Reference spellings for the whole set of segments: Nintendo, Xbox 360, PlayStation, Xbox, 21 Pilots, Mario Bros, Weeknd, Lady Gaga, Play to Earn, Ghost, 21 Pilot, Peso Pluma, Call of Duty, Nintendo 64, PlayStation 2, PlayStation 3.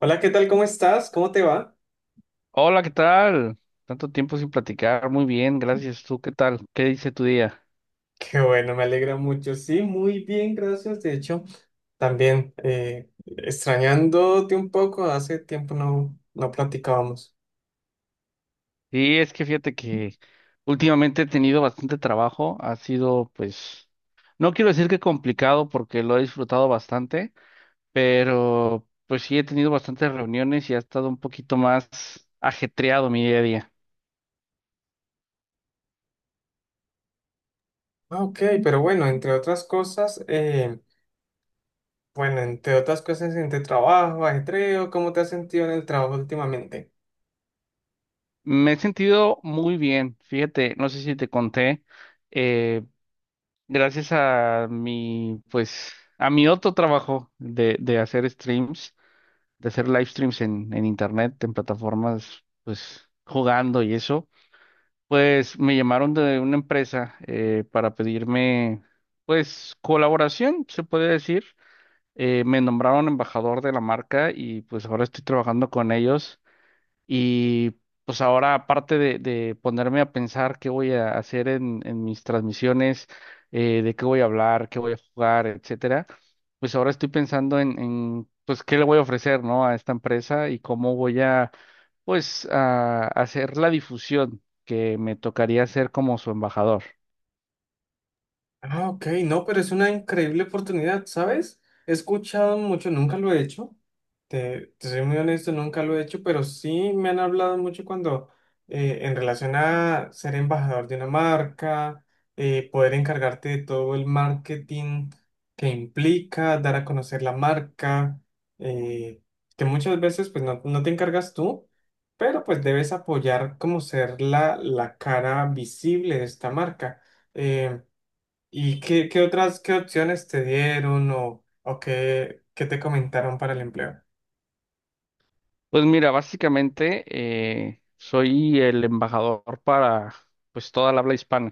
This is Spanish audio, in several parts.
Hola, ¿qué tal? ¿Cómo estás? ¿Cómo te va? Hola, ¿qué tal? Tanto tiempo sin platicar. Muy bien, gracias. ¿Tú qué tal? ¿Qué dice tu día? Qué bueno, me alegra mucho. Sí, muy bien, gracias. De hecho, también extrañándote un poco, hace tiempo no platicábamos. Sí, es que fíjate que últimamente he tenido bastante trabajo. Ha sido, pues, no quiero decir que complicado porque lo he disfrutado bastante, pero pues sí he tenido bastantes reuniones y ha estado un poquito más ajetreado mi día a día. Ah, ok, pero bueno, entre otras cosas, bueno, entre otras cosas, entre trabajo, ajetreo, ¿cómo te has sentido en el trabajo últimamente? Me he sentido muy bien. Fíjate, no sé si te conté, eh, gracias a mi, pues, a mi otro trabajo de hacer streams. De hacer live streams en internet, en plataformas, pues jugando y eso, pues me llamaron de una empresa para pedirme, pues, colaboración, se puede decir. Me nombraron embajador de la marca y pues ahora estoy trabajando con ellos. Y pues ahora, aparte de ponerme a pensar qué voy a hacer en mis transmisiones, de qué voy a hablar, qué voy a jugar, etcétera, pues ahora estoy pensando en pues qué le voy a ofrecer, ¿no? A esta empresa y cómo voy a, pues, a hacer la difusión que me tocaría hacer como su embajador. Ah, ok, no, pero es una increíble oportunidad, ¿sabes? He escuchado mucho, nunca lo he hecho, te soy muy honesto, nunca lo he hecho, pero sí me han hablado mucho cuando, en relación a ser embajador de una marca, poder encargarte de todo el marketing que implica, dar a conocer la marca, eh, que muchas veces pues no te encargas tú, pero pues debes apoyar como ser la cara visible de esta marca. Em, ¿Y qué otras, qué opciones te dieron o qué te comentaron para el empleo? Pues mira, básicamente soy el embajador para, pues, toda la habla hispana.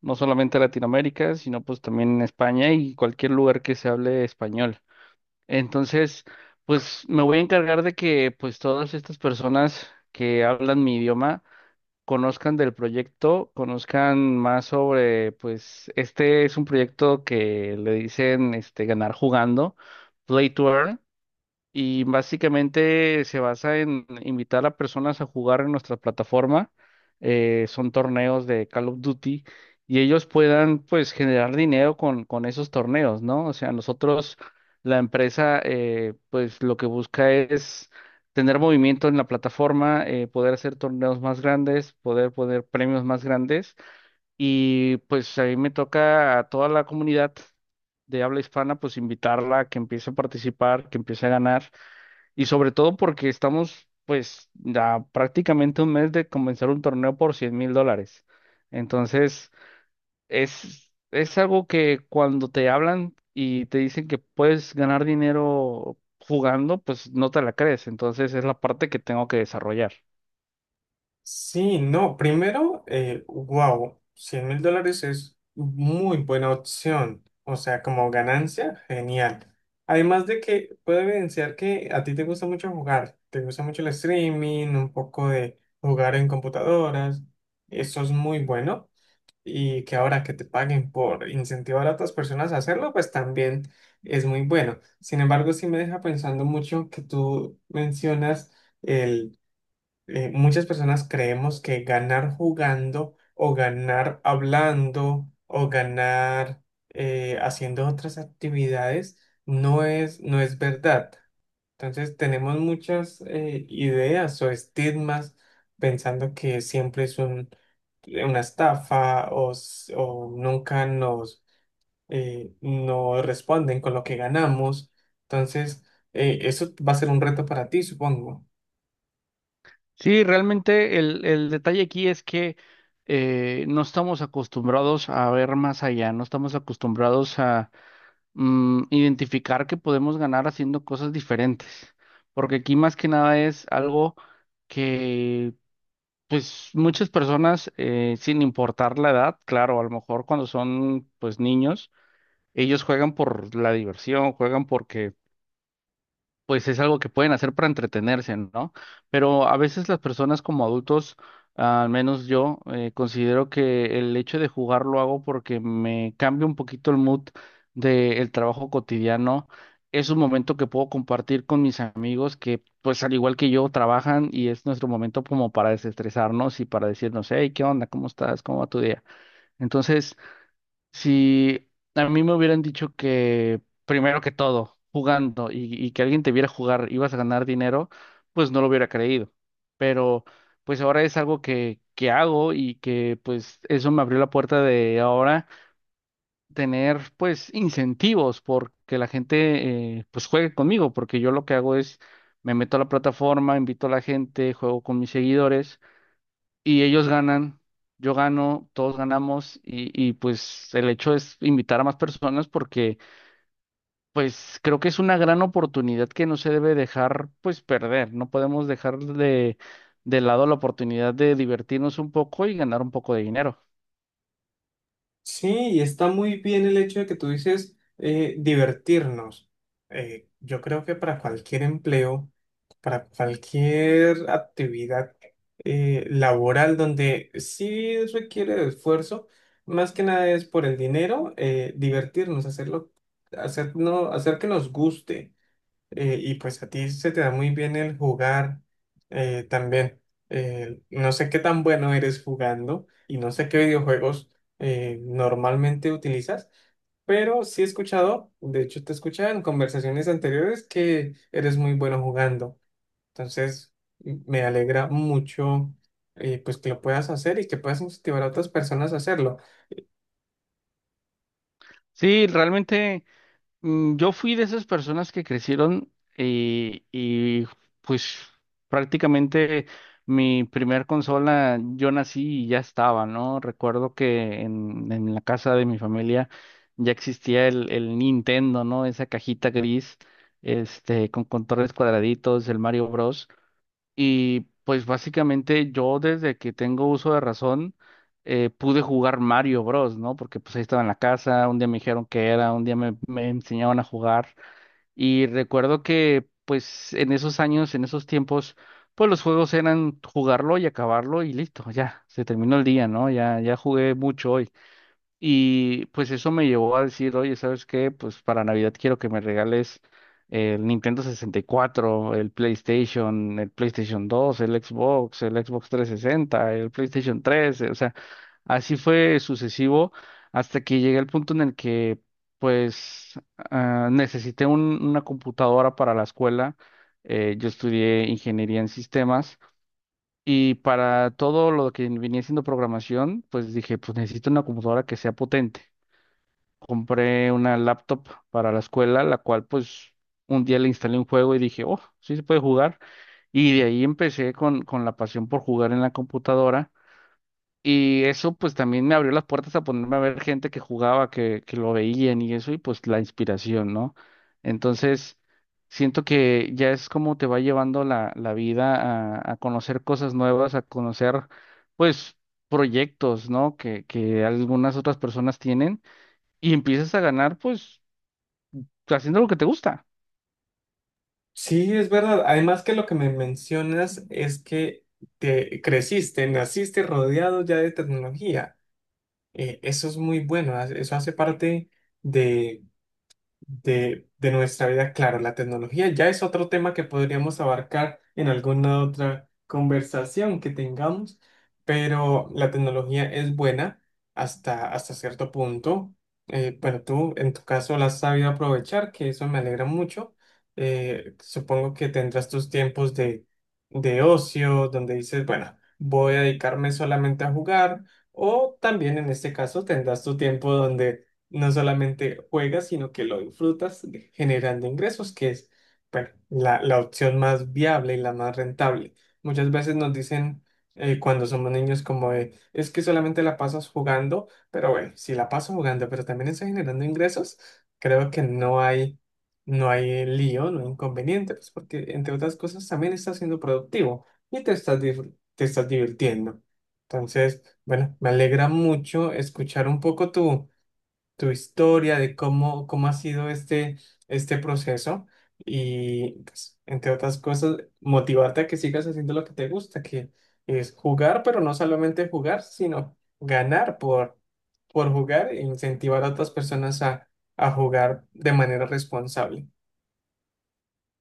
No solamente Latinoamérica, sino pues también en España y cualquier lugar que se hable español. Entonces, pues me voy a encargar de que pues todas estas personas que hablan mi idioma conozcan del proyecto, conozcan más sobre pues este es un proyecto que le dicen este ganar jugando, Play to Earn, y básicamente se basa en invitar a personas a jugar en nuestra plataforma. Son torneos de Call of Duty y ellos puedan pues generar dinero con esos torneos, ¿no? O sea, nosotros, la empresa, pues lo que busca es tener movimiento en la plataforma, poder hacer torneos más grandes, poder poner premios más grandes y pues a mí me toca a toda la comunidad de habla hispana, pues invitarla a que empiece a participar, que empiece a ganar. Y sobre todo porque estamos pues a prácticamente un mes de comenzar un torneo por $100,000. Entonces, es algo que cuando te hablan y te dicen que puedes ganar dinero jugando, pues no te la crees. Entonces, es la parte que tengo que desarrollar. Sí, no, primero, wow, 100.000 dólares es muy buena opción, o sea, como ganancia, genial. Además de que puede evidenciar que a ti te gusta mucho jugar, te gusta mucho el streaming, un poco de jugar en computadoras, eso es muy bueno. Y que ahora que te paguen por incentivar a otras personas a hacerlo, pues también es muy bueno. Sin embargo, sí me deja pensando mucho que tú mencionas el, muchas personas creemos que ganar jugando o ganar hablando o ganar haciendo otras actividades no es verdad. Entonces tenemos muchas ideas o estigmas pensando que siempre es una estafa o o nunca nos, nos responden con lo que ganamos. Entonces eso va a ser un reto para ti, supongo. Sí, realmente el detalle aquí es que no estamos acostumbrados a ver más allá, no estamos acostumbrados a identificar que podemos ganar haciendo cosas diferentes, porque aquí más que nada es algo que pues muchas personas, sin importar la edad, claro, a lo mejor cuando son pues niños, ellos juegan por la diversión, juegan porque pues es algo que pueden hacer para entretenerse, ¿no? Pero a veces las personas como adultos, al menos yo, considero que el hecho de jugar lo hago porque me cambia un poquito el mood del trabajo cotidiano. Es un momento que puedo compartir con mis amigos que, pues al igual que yo, trabajan y es nuestro momento como para desestresarnos y para decirnos, hey, ¿qué onda? ¿Cómo estás? ¿Cómo va tu día? Entonces, si a mí me hubieran dicho que, primero que todo, jugando y que alguien te viera jugar, ibas a ganar dinero, pues no lo hubiera creído. Pero pues ahora es algo que hago y que pues eso me abrió la puerta de ahora tener pues incentivos porque la gente pues juegue conmigo, porque yo lo que hago es me meto a la plataforma, invito a la gente, juego con mis seguidores y ellos ganan, yo gano, todos ganamos y pues el hecho es invitar a más personas porque pues creo que es una gran oportunidad que no se debe dejar pues perder, no podemos dejar de lado la oportunidad de divertirnos un poco y ganar un poco de dinero. Sí, y está muy bien el hecho de que tú dices divertirnos. Yo creo que para cualquier empleo, para cualquier actividad laboral donde sí requiere de esfuerzo, más que nada es por el dinero, divertirnos, hacerlo, hacer, no- hacer que nos guste y pues a ti se te da muy bien el jugar también. No sé qué tan bueno eres jugando y no sé qué videojuegos normalmente utilizas, pero sí he escuchado, de hecho te escuchaba en conversaciones anteriores que eres muy bueno jugando. Entonces, me alegra mucho pues que lo puedas hacer y que puedas incentivar a otras personas a hacerlo. Sí, realmente, yo fui de esas personas que crecieron y pues prácticamente mi primer consola yo nací y ya estaba, ¿no? Recuerdo que en la casa de mi familia ya existía el Nintendo, ¿no? Esa cajita gris, este, con controles cuadraditos, el Mario Bros. Y pues básicamente yo desde que tengo uso de razón pude jugar Mario Bros, ¿no? Porque pues ahí estaba en la casa, un día me dijeron que era, un día me, me enseñaban a jugar. Y recuerdo que pues en esos años, en esos tiempos, pues los juegos eran jugarlo y acabarlo y listo, ya, se terminó el día, ¿no? Ya, ya jugué mucho hoy. Y pues eso me llevó a decir, oye, ¿sabes qué? Pues para Navidad quiero que me regales el Nintendo 64, el PlayStation 2, el Xbox 360, el PlayStation 3. O sea, así fue sucesivo hasta que llegué al punto en el que pues necesité una computadora para la escuela. Yo estudié ingeniería en sistemas. Y para todo lo que venía siendo programación, pues dije, pues necesito una computadora que sea potente. Compré una laptop para la escuela, la cual pues un día le instalé un juego y dije, oh, sí se puede jugar. Y de ahí empecé con la pasión por jugar en la computadora. Y eso pues también me abrió las puertas a ponerme a ver gente que jugaba, que lo veían y eso, y pues la inspiración, ¿no? Entonces, siento que ya es como te va llevando la, la vida a conocer cosas nuevas, a conocer pues proyectos, ¿no? Que algunas otras personas tienen y empiezas a ganar, pues, haciendo lo que te gusta. Sí, es verdad. Además que lo que me mencionas es que te creciste, naciste rodeado ya de tecnología. Eso es muy bueno. Eso hace parte de, de nuestra vida. Claro, la tecnología ya es otro tema que podríamos abarcar en alguna otra conversación que tengamos, pero la tecnología es buena hasta cierto punto. Bueno, tú en tu caso la has sabido aprovechar, que eso me alegra mucho. Supongo que tendrás tus tiempos de ocio, donde dices, bueno, voy a dedicarme solamente a jugar, o también en este caso tendrás tu tiempo donde no solamente juegas, sino que lo disfrutas generando ingresos, que es, bueno, la opción más viable y la más rentable. Muchas veces nos dicen cuando somos niños como de, es que solamente la pasas jugando, pero bueno, si la paso jugando, pero también estoy generando ingresos, creo que no hay lío, no hay inconveniente, pues porque entre otras cosas también estás siendo productivo y te te estás divirtiendo. Entonces, bueno, me alegra mucho escuchar un poco tu, tu historia, de cómo ha sido este proceso y, pues, entre otras cosas, motivarte a que sigas haciendo lo que te gusta, que es jugar, pero no solamente jugar, sino ganar por jugar e incentivar a otras personas a jugar de manera responsable.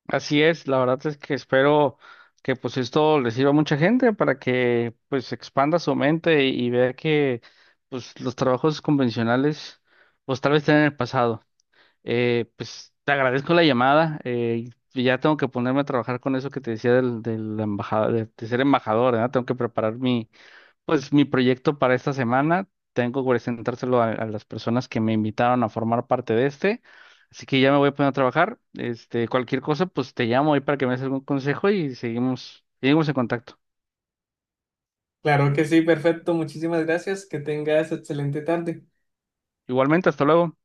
Así es, la verdad es que espero que pues esto le sirva a mucha gente para que pues expanda su mente y vea que pues los trabajos convencionales pues tal vez estén en el pasado. Pues te agradezco la llamada, y ya tengo que ponerme a trabajar con eso que te decía de la embajada, de ser embajador, ¿verdad? Tengo que preparar mi proyecto para esta semana, tengo que presentárselo a las personas que me invitaron a formar parte de este, así que ya me voy a poner a trabajar. Este, cualquier cosa, pues te llamo ahí para que me des algún consejo y seguimos, seguimos en contacto. Claro que sí, perfecto. Muchísimas gracias. Que tengas excelente tarde. Igualmente, hasta luego.